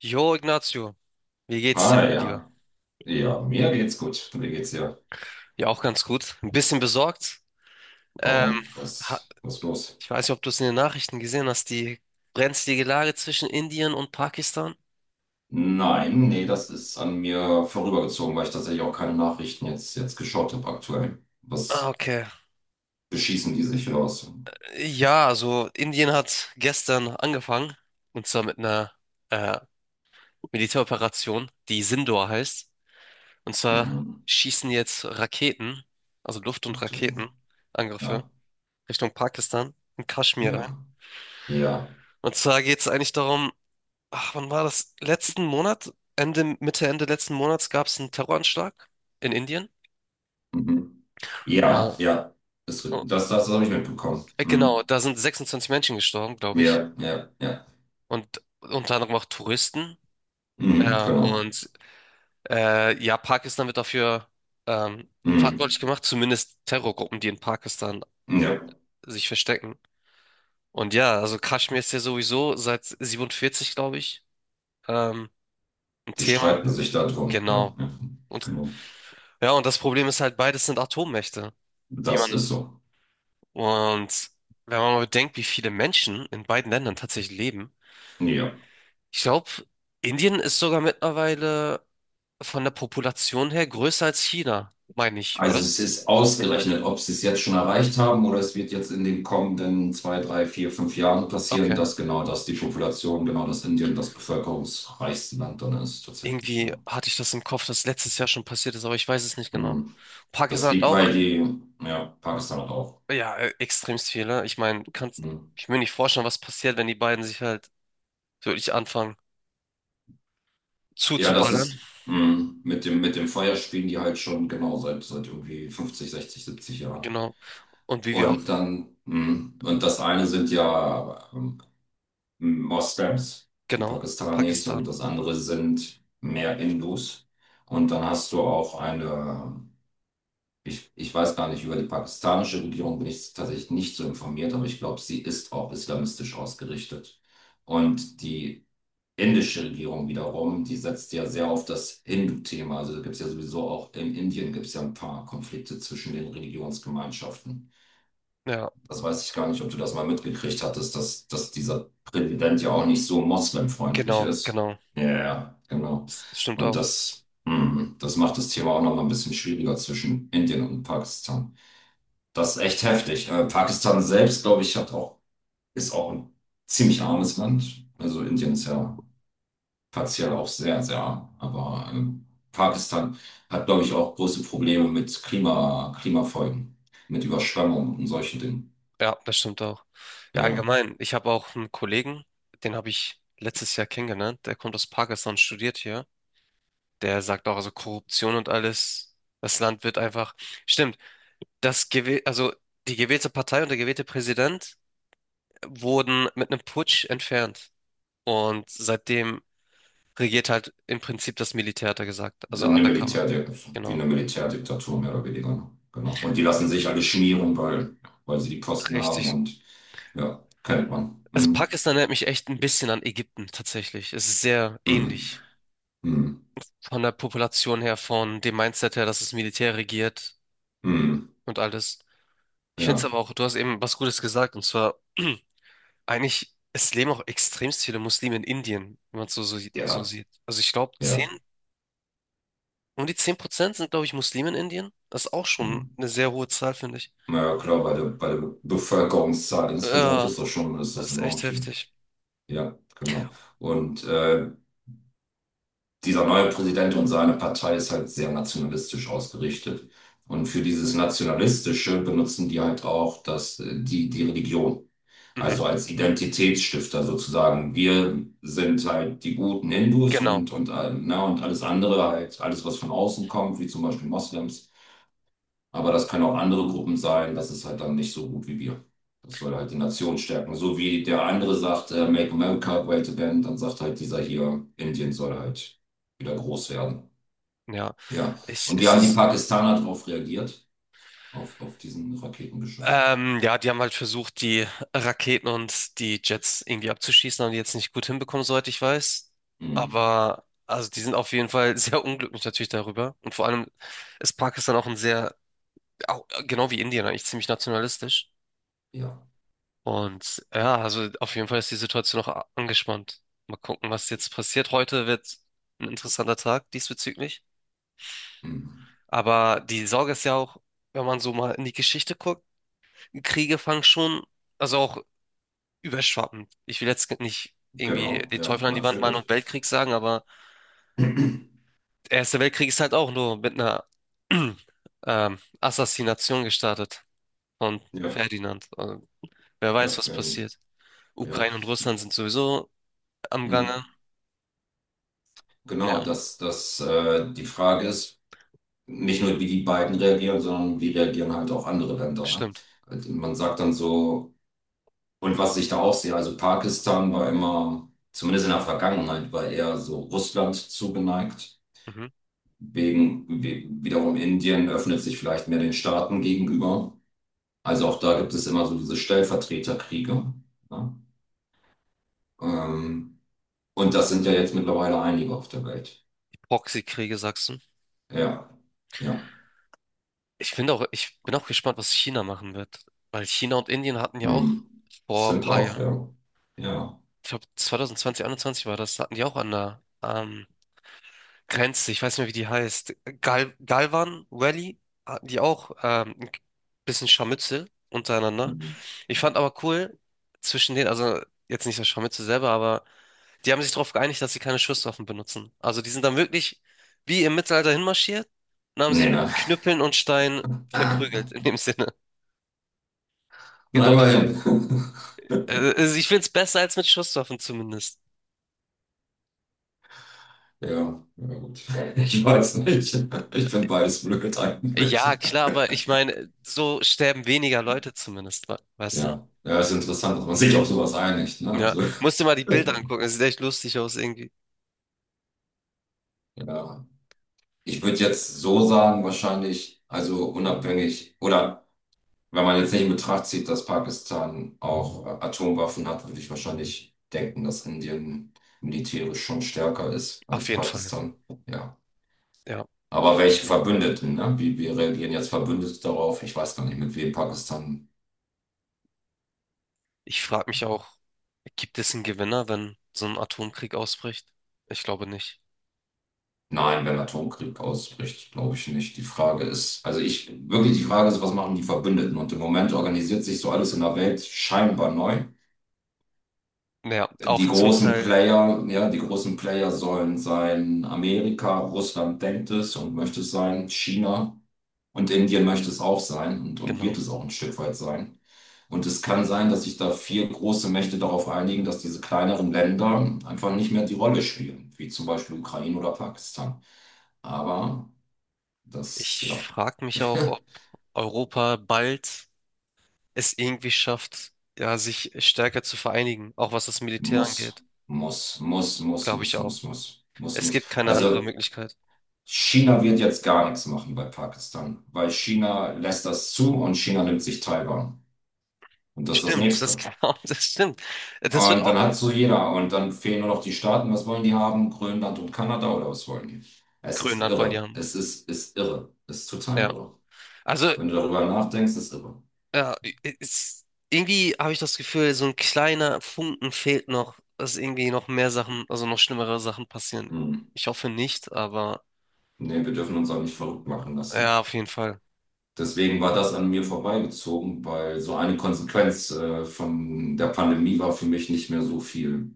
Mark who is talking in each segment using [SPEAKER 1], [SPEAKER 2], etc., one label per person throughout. [SPEAKER 1] Jo, Ignacio, wie geht's dir,
[SPEAKER 2] Ah
[SPEAKER 1] mein Lieber?
[SPEAKER 2] ja. Ja, mir geht's gut. Mir geht's ja.
[SPEAKER 1] Ja, auch ganz gut. Ein bisschen besorgt. Ähm,
[SPEAKER 2] Warum?
[SPEAKER 1] ha-
[SPEAKER 2] Was ist los?
[SPEAKER 1] Ich weiß nicht, ob du es in den Nachrichten gesehen hast, die brenzlige Lage zwischen Indien und Pakistan.
[SPEAKER 2] Nein, nee, das ist an mir vorübergezogen, weil ich tatsächlich auch keine Nachrichten jetzt geschaut habe aktuell.
[SPEAKER 1] Ah,
[SPEAKER 2] Was
[SPEAKER 1] okay.
[SPEAKER 2] beschießen die sich oder was?
[SPEAKER 1] Ja, also Indien hat gestern angefangen, und zwar mit einer äh, Militäroperation, die Sindoor heißt. Und zwar
[SPEAKER 2] Mhm.
[SPEAKER 1] schießen jetzt Raketen, also Luft- und
[SPEAKER 2] Ach du.
[SPEAKER 1] Raketenangriffe
[SPEAKER 2] Ja,
[SPEAKER 1] Richtung Pakistan und Kaschmir rein.
[SPEAKER 2] ja, ja.
[SPEAKER 1] Und zwar geht es eigentlich darum, ach, wann war das? Letzten Monat, Ende, Mitte, Ende letzten Monats gab es einen Terroranschlag in Indien.
[SPEAKER 2] Mhm.
[SPEAKER 1] Ja,
[SPEAKER 2] Ja, ja. Das,
[SPEAKER 1] oh,
[SPEAKER 2] das, das habe ich mitbekommen.
[SPEAKER 1] genau,
[SPEAKER 2] Mhm.
[SPEAKER 1] da sind 26 Menschen gestorben, glaube ich.
[SPEAKER 2] Ja, ja, ja.
[SPEAKER 1] Und unter anderem auch Touristen.
[SPEAKER 2] Mhm,
[SPEAKER 1] Ja,
[SPEAKER 2] genau.
[SPEAKER 1] und ja, Pakistan wird dafür ähm, verantwortlich
[SPEAKER 2] Mhm.
[SPEAKER 1] gemacht, zumindest Terrorgruppen, die in Pakistan
[SPEAKER 2] Ja,
[SPEAKER 1] sich verstecken. Und ja, also Kaschmir ist ja sowieso seit 47, glaube ich, ähm, ein
[SPEAKER 2] die
[SPEAKER 1] Thema.
[SPEAKER 2] streiten sich da drum. Ja,
[SPEAKER 1] Genau.
[SPEAKER 2] ja,
[SPEAKER 1] Und
[SPEAKER 2] genau.
[SPEAKER 1] ja, und das Problem ist halt, beides sind Atommächte. wie
[SPEAKER 2] Das
[SPEAKER 1] man
[SPEAKER 2] ist so.
[SPEAKER 1] Und wenn man mal bedenkt, wie viele Menschen in beiden Ländern tatsächlich leben,
[SPEAKER 2] Ja.
[SPEAKER 1] ich glaube, Indien ist sogar mittlerweile von der Population her größer als China, meine ich,
[SPEAKER 2] Also
[SPEAKER 1] oder?
[SPEAKER 2] es ist ausgerechnet, ob sie es jetzt schon erreicht haben oder es wird jetzt in den kommenden zwei, drei, vier, fünf Jahren passieren,
[SPEAKER 1] Okay.
[SPEAKER 2] dass genau das die Population, genau das Indien das bevölkerungsreichste Land dann ist, tatsächlich.
[SPEAKER 1] Irgendwie
[SPEAKER 2] Ja.
[SPEAKER 1] hatte ich das im Kopf, dass letztes Jahr schon passiert ist, aber ich weiß es nicht genau.
[SPEAKER 2] Mhm. Das
[SPEAKER 1] Pakistan hat
[SPEAKER 2] liegt,
[SPEAKER 1] auch,
[SPEAKER 2] weil die, ja, Pakistan hat auch.
[SPEAKER 1] ja, extremst viele. Ich meine, du kannst,
[SPEAKER 2] Mhm.
[SPEAKER 1] ich will nicht vorstellen, was passiert, wenn die beiden sich halt wirklich anfangen
[SPEAKER 2] Ja, das
[SPEAKER 1] zuzuballern.
[SPEAKER 2] ist mhm. mit dem Feuer spielen die halt schon genau seit irgendwie 50, 60, 70 Jahren.
[SPEAKER 1] Genau. Und wie wir auch,
[SPEAKER 2] Und dann, und das eine sind ja Moslems, die
[SPEAKER 1] genau,
[SPEAKER 2] Pakistanis, und
[SPEAKER 1] Pakistan.
[SPEAKER 2] das andere sind mehr Hindus. Und dann hast du auch eine, ich weiß gar nicht, über die pakistanische Regierung bin ich tatsächlich nicht so informiert, aber ich glaube, sie ist auch islamistisch ausgerichtet. Und die indische Regierung wiederum, die setzt ja sehr auf das Hindu-Thema. Also da gibt es ja sowieso auch in Indien gibt es ja ein paar Konflikte zwischen den Religionsgemeinschaften.
[SPEAKER 1] Ja,
[SPEAKER 2] Das weiß ich gar nicht, ob du das mal mitgekriegt hattest, dass dieser Präsident ja auch nicht so moslemfreundlich
[SPEAKER 1] genau,
[SPEAKER 2] ist.
[SPEAKER 1] genau.
[SPEAKER 2] Ja, ja, ja, genau.
[SPEAKER 1] Das stimmt
[SPEAKER 2] Und
[SPEAKER 1] auch.
[SPEAKER 2] das macht das Thema auch noch mal ein bisschen schwieriger zwischen Indien und Pakistan. Das ist echt heftig. Pakistan selbst, glaube ich, hat auch, ist auch ein ziemlich armes Land. Also Indien ist ja partiell auch sehr, sehr arm. Aber Pakistan hat, glaube ich, auch große Probleme mit Klima, Klimafolgen, mit Überschwemmungen und solchen Dingen.
[SPEAKER 1] Ja, das stimmt auch. Ja,
[SPEAKER 2] Ja. ja.
[SPEAKER 1] allgemein, ich habe auch einen Kollegen, den habe ich letztes Jahr kennengelernt. Der kommt aus Pakistan, studiert hier. Der sagt auch, also Korruption und alles, das Land wird einfach. Stimmt, das gewäh also die gewählte Partei und der gewählte Präsident wurden mit einem Putsch entfernt. Und seitdem regiert halt im Prinzip das Militär, hat er gesagt. Also
[SPEAKER 2] Eine
[SPEAKER 1] undercover.
[SPEAKER 2] Militärdik wie
[SPEAKER 1] Genau.
[SPEAKER 2] eine Militärdiktatur, mehr oder weniger. Ne? Genau. Und die lassen sich alle schmieren, weil sie die Posten haben
[SPEAKER 1] Richtig.
[SPEAKER 2] und ja, kennt man.
[SPEAKER 1] Also
[SPEAKER 2] Hm,
[SPEAKER 1] Pakistan erinnert mich echt ein bisschen an Ägypten, tatsächlich. Es ist sehr
[SPEAKER 2] hm,
[SPEAKER 1] ähnlich,
[SPEAKER 2] hm,
[SPEAKER 1] von der Population her, von dem Mindset her, dass das Militär regiert
[SPEAKER 2] hm,
[SPEAKER 1] und alles. Ich finde es
[SPEAKER 2] ja,
[SPEAKER 1] aber auch, du hast eben was Gutes gesagt, und zwar eigentlich, es leben auch extremst viele Muslime in Indien, wenn man es so
[SPEAKER 2] ja,
[SPEAKER 1] sieht. Also ich glaube, 10
[SPEAKER 2] ja.
[SPEAKER 1] um die 10% sind, glaube ich, Muslime in Indien. Das ist auch
[SPEAKER 2] Hm.
[SPEAKER 1] schon eine sehr hohe Zahl, finde ich.
[SPEAKER 2] Na ja, klar, bei der Bevölkerungszahl insgesamt
[SPEAKER 1] Ja,
[SPEAKER 2] ist das schon, ist
[SPEAKER 1] das
[SPEAKER 2] das
[SPEAKER 1] ist
[SPEAKER 2] enorm
[SPEAKER 1] echt
[SPEAKER 2] viel.
[SPEAKER 1] heftig.
[SPEAKER 2] Ja, genau. Und dieser neue Präsident und seine Partei ist halt sehr nationalistisch ausgerichtet. Und für dieses Nationalistische benutzen die halt auch die Religion.
[SPEAKER 1] Mhm.
[SPEAKER 2] Also als Identitätsstifter sozusagen. Wir sind halt die guten Hindus
[SPEAKER 1] Genau,
[SPEAKER 2] und, und alles andere, halt alles, was von außen kommt, wie zum Beispiel Moslems. Aber das können auch andere Gruppen sein, das ist halt dann nicht so gut wie wir. Das soll halt die Nation stärken. So wie der andere sagt, Make America Great Again, dann sagt halt dieser hier, Indien soll halt wieder groß werden.
[SPEAKER 1] ja.
[SPEAKER 2] Ja.
[SPEAKER 1] Ich,
[SPEAKER 2] Und wie
[SPEAKER 1] es
[SPEAKER 2] haben die
[SPEAKER 1] ist
[SPEAKER 2] Pakistaner darauf reagiert? Auf diesen Raketenbeschuss.
[SPEAKER 1] Ja, die haben halt versucht, die Raketen und die Jets irgendwie abzuschießen, haben die jetzt nicht gut hinbekommen, soweit ich weiß.
[SPEAKER 2] Hm.
[SPEAKER 1] Aber also die sind auf jeden Fall sehr unglücklich natürlich darüber. Und vor allem ist Pakistan auch ein sehr, auch, genau wie Indien eigentlich, ziemlich nationalistisch.
[SPEAKER 2] Ja.
[SPEAKER 1] Und ja, also auf jeden Fall ist die Situation noch angespannt. Mal gucken, was jetzt passiert. Heute wird ein interessanter Tag diesbezüglich.
[SPEAKER 2] Hm.
[SPEAKER 1] Aber die Sorge ist ja auch, wenn man so mal in die Geschichte guckt, Kriege fangen schon, also auch überschwappen. Ich will jetzt nicht irgendwie
[SPEAKER 2] Genau,
[SPEAKER 1] die
[SPEAKER 2] ja,
[SPEAKER 1] Teufel an die Wand malen und
[SPEAKER 2] natürlich.
[SPEAKER 1] Weltkrieg sagen, aber der Erste Weltkrieg ist halt auch nur mit einer Assassination gestartet von
[SPEAKER 2] Ja,
[SPEAKER 1] Ferdinand. Also, wer weiß,
[SPEAKER 2] ja,
[SPEAKER 1] was passiert.
[SPEAKER 2] ja.
[SPEAKER 1] Ukraine und Russland sind sowieso am Gange.
[SPEAKER 2] Mhm.
[SPEAKER 1] Ja,
[SPEAKER 2] Genau, dass dass die Frage ist, nicht nur wie die beiden reagieren, sondern wie reagieren halt auch andere Länder, ne?
[SPEAKER 1] stimmt.
[SPEAKER 2] Also man sagt dann so, und was ich da auch sehe, also Pakistan war immer, zumindest in der Vergangenheit, war eher so Russland zugeneigt.
[SPEAKER 1] Mhm.
[SPEAKER 2] Wegen, wiederum Indien öffnet sich vielleicht mehr den Staaten gegenüber. Also auch da gibt es immer so diese Stellvertreterkriege, ne? Ähm, und das sind ja jetzt mittlerweile einige auf der Welt.
[SPEAKER 1] Die Proxykriege, sagst du?
[SPEAKER 2] Ja, ja.
[SPEAKER 1] Ich finde auch, ich bin auch gespannt, was China machen wird. Weil China und Indien hatten ja auch
[SPEAKER 2] Hm.
[SPEAKER 1] vor ein
[SPEAKER 2] Stimmt
[SPEAKER 1] paar
[SPEAKER 2] auch,
[SPEAKER 1] Jahren,
[SPEAKER 2] ja. Ja.
[SPEAKER 1] ich glaube 2020, 2021 war das, hatten die auch an der, Grenze, ich weiß nicht mehr, wie die heißt. Galvan Valley, hatten die auch ein bisschen Scharmützel untereinander.
[SPEAKER 2] Mhm.
[SPEAKER 1] Ich fand aber cool, zwischen denen, also jetzt nicht das Scharmützel selber, aber die haben sich darauf geeinigt, dass sie keine Schusswaffen benutzen. Also die sind dann wirklich wie im Mittelalter hinmarschiert und haben
[SPEAKER 2] Nee,
[SPEAKER 1] sich mit
[SPEAKER 2] nein.
[SPEAKER 1] Knüppeln und Steinen
[SPEAKER 2] Nein,
[SPEAKER 1] verprügelt, in dem Sinne. Geht auch davon.
[SPEAKER 2] immerhin.
[SPEAKER 1] Also ich finde es besser als mit Schusswaffen zumindest.
[SPEAKER 2] Ja, ja gut. Ich weiß nicht. Ich bin beides blöd
[SPEAKER 1] Ja,
[SPEAKER 2] eigentlich.
[SPEAKER 1] klar, aber ich meine, so sterben weniger Leute zumindest, weißt du?
[SPEAKER 2] Ja. Ja, ist interessant, dass man sich auf sowas einigt, ne?
[SPEAKER 1] Ja,
[SPEAKER 2] Also,
[SPEAKER 1] musst dir mal die Bilder angucken. Es sieht echt lustig aus irgendwie.
[SPEAKER 2] ja. Ich würde jetzt so sagen, wahrscheinlich, also unabhängig oder wenn man jetzt nicht in Betracht zieht, dass Pakistan auch Atomwaffen hat, würde ich wahrscheinlich denken, dass Indien militärisch schon stärker ist als
[SPEAKER 1] Auf jeden Fall.
[SPEAKER 2] Pakistan. Ja.
[SPEAKER 1] Ja.
[SPEAKER 2] Aber welche Verbündeten, ne? Wie reagieren jetzt Verbündete darauf? Ich weiß gar nicht, mit wem Pakistan.
[SPEAKER 1] Ich frage mich auch, gibt es einen Gewinner, wenn so ein Atomkrieg ausbricht? Ich glaube nicht.
[SPEAKER 2] Nein, wenn Atomkrieg ausbricht, glaube ich nicht. Die Frage ist, also ich, wirklich die Frage ist, was machen die Verbündeten? Und im Moment organisiert sich so alles in der Welt scheinbar neu.
[SPEAKER 1] Ja, auch
[SPEAKER 2] Die
[SPEAKER 1] zum
[SPEAKER 2] großen
[SPEAKER 1] Teil,
[SPEAKER 2] Player, ja, die großen Player sollen sein Amerika, Russland denkt es und möchte es sein, China und Indien möchte es auch sein und
[SPEAKER 1] genau.
[SPEAKER 2] wird es auch ein Stück weit sein. Und es kann sein, dass sich da vier große Mächte darauf einigen, dass diese kleineren Länder einfach nicht mehr die Rolle spielen, wie zum Beispiel Ukraine oder Pakistan. Aber das,
[SPEAKER 1] Ich
[SPEAKER 2] ja,
[SPEAKER 1] frage mich auch, ob Europa bald es irgendwie schafft, ja, sich stärker zu vereinigen, auch was das Militär
[SPEAKER 2] muss,
[SPEAKER 1] angeht.
[SPEAKER 2] muss, muss, muss,
[SPEAKER 1] Glaube ich
[SPEAKER 2] muss,
[SPEAKER 1] auch.
[SPEAKER 2] muss, muss, muss,
[SPEAKER 1] Es
[SPEAKER 2] muss.
[SPEAKER 1] gibt keine andere
[SPEAKER 2] Also
[SPEAKER 1] Möglichkeit.
[SPEAKER 2] China wird jetzt gar nichts machen bei Pakistan, weil China lässt das zu und China nimmt sich Taiwan. Und das ist das
[SPEAKER 1] Stimmt, das,
[SPEAKER 2] Nächste.
[SPEAKER 1] genau, das stimmt. Das wird
[SPEAKER 2] Und
[SPEAKER 1] auch
[SPEAKER 2] dann hat so jeder. Und dann fehlen nur noch die Staaten. Was wollen die haben? Grönland und Kanada oder was wollen die? Es ist
[SPEAKER 1] Grönland wollen die
[SPEAKER 2] irre.
[SPEAKER 1] haben.
[SPEAKER 2] Es ist irre. Es ist total
[SPEAKER 1] Ja.
[SPEAKER 2] irre.
[SPEAKER 1] Also.
[SPEAKER 2] Wenn du darüber nachdenkst, ist irre.
[SPEAKER 1] Ja, es irgendwie habe ich das Gefühl, so ein kleiner Funken fehlt noch, dass irgendwie noch mehr Sachen, also noch schlimmere Sachen passieren.
[SPEAKER 2] Hm.
[SPEAKER 1] Ich hoffe nicht, aber
[SPEAKER 2] Nee, wir dürfen uns auch nicht verrückt machen
[SPEAKER 1] ja,
[SPEAKER 2] lassen.
[SPEAKER 1] auf jeden Fall.
[SPEAKER 2] Deswegen war das an mir vorbeigezogen, weil so eine Konsequenz von der Pandemie war für mich nicht mehr so viel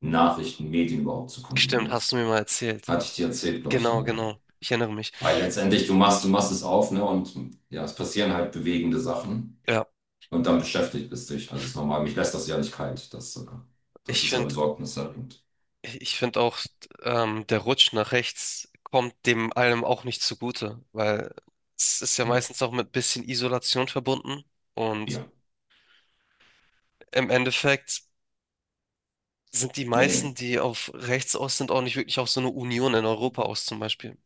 [SPEAKER 2] Nachrichten, Medien überhaupt zu
[SPEAKER 1] Stimmt,
[SPEAKER 2] konsumieren.
[SPEAKER 1] hast du mir mal erzählt.
[SPEAKER 2] Hatte ich dir erzählt, glaube ich
[SPEAKER 1] Genau,
[SPEAKER 2] sogar, ja.
[SPEAKER 1] genau. Ich erinnere mich.
[SPEAKER 2] Weil letztendlich du machst es auf, ne? Und ja, es passieren halt bewegende Sachen
[SPEAKER 1] Ja,
[SPEAKER 2] und dann beschäftigt es dich. Also es ist normal, mich lässt das ja nicht kalt. Das
[SPEAKER 1] ich
[SPEAKER 2] ist ja
[SPEAKER 1] finde,
[SPEAKER 2] besorgniserregend.
[SPEAKER 1] ich finde auch, der Rutsch nach rechts kommt dem allem auch nicht zugute, weil es ist ja
[SPEAKER 2] Nö.
[SPEAKER 1] meistens auch mit bisschen Isolation verbunden und
[SPEAKER 2] Ja.
[SPEAKER 1] im Endeffekt sind die meisten,
[SPEAKER 2] Nee,
[SPEAKER 1] die auf rechts aus sind, auch nicht wirklich auf so eine Union in Europa aus, zum Beispiel.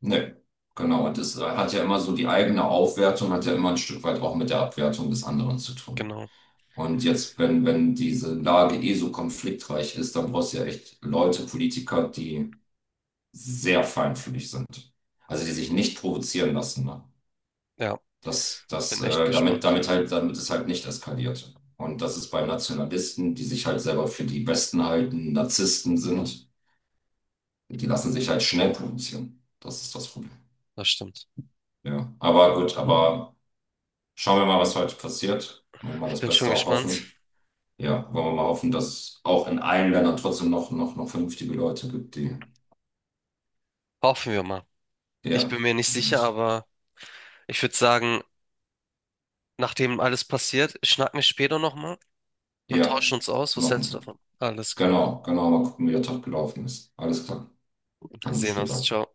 [SPEAKER 2] nö. Genau. Und das hat ja immer so die eigene Aufwertung, hat ja immer ein Stück weit auch mit der Abwertung des anderen zu tun.
[SPEAKER 1] Genau.
[SPEAKER 2] Und jetzt, wenn diese Lage eh so konfliktreich ist, dann brauchst du ja echt Leute, Politiker, die sehr feinfühlig sind. Also die sich nicht provozieren lassen. Ne?
[SPEAKER 1] Ja,
[SPEAKER 2] Das, das,
[SPEAKER 1] bin echt
[SPEAKER 2] damit,
[SPEAKER 1] gespannt.
[SPEAKER 2] damit halt, damit es halt nicht eskaliert. Und das ist bei Nationalisten, die sich halt selber für die Besten halten, Narzissten sind, die lassen sich halt schnell provozieren. Das ist das Problem.
[SPEAKER 1] Das stimmt.
[SPEAKER 2] Ja, aber gut, aber schauen wir mal, was heute passiert. Wollen wir mal
[SPEAKER 1] Ich
[SPEAKER 2] das
[SPEAKER 1] bin schon
[SPEAKER 2] Beste auch
[SPEAKER 1] gespannt.
[SPEAKER 2] hoffen. Ja, wollen wir mal hoffen, dass es auch in allen Ländern trotzdem noch vernünftige Leute gibt, die,
[SPEAKER 1] Hoffen wir mal. Ich
[SPEAKER 2] ja,
[SPEAKER 1] bin mir nicht sicher, aber ich würde sagen, nachdem alles passiert, schnacken wir später nochmal und
[SPEAKER 2] ja,
[SPEAKER 1] tauschen uns aus. Was
[SPEAKER 2] machen
[SPEAKER 1] hältst du
[SPEAKER 2] wir.
[SPEAKER 1] davon? Alles klar.
[SPEAKER 2] Genau, genau, mal gucken, wie der Tag gelaufen ist. Alles klar. An
[SPEAKER 1] Wir
[SPEAKER 2] einem
[SPEAKER 1] sehen uns.
[SPEAKER 2] später.
[SPEAKER 1] Ciao.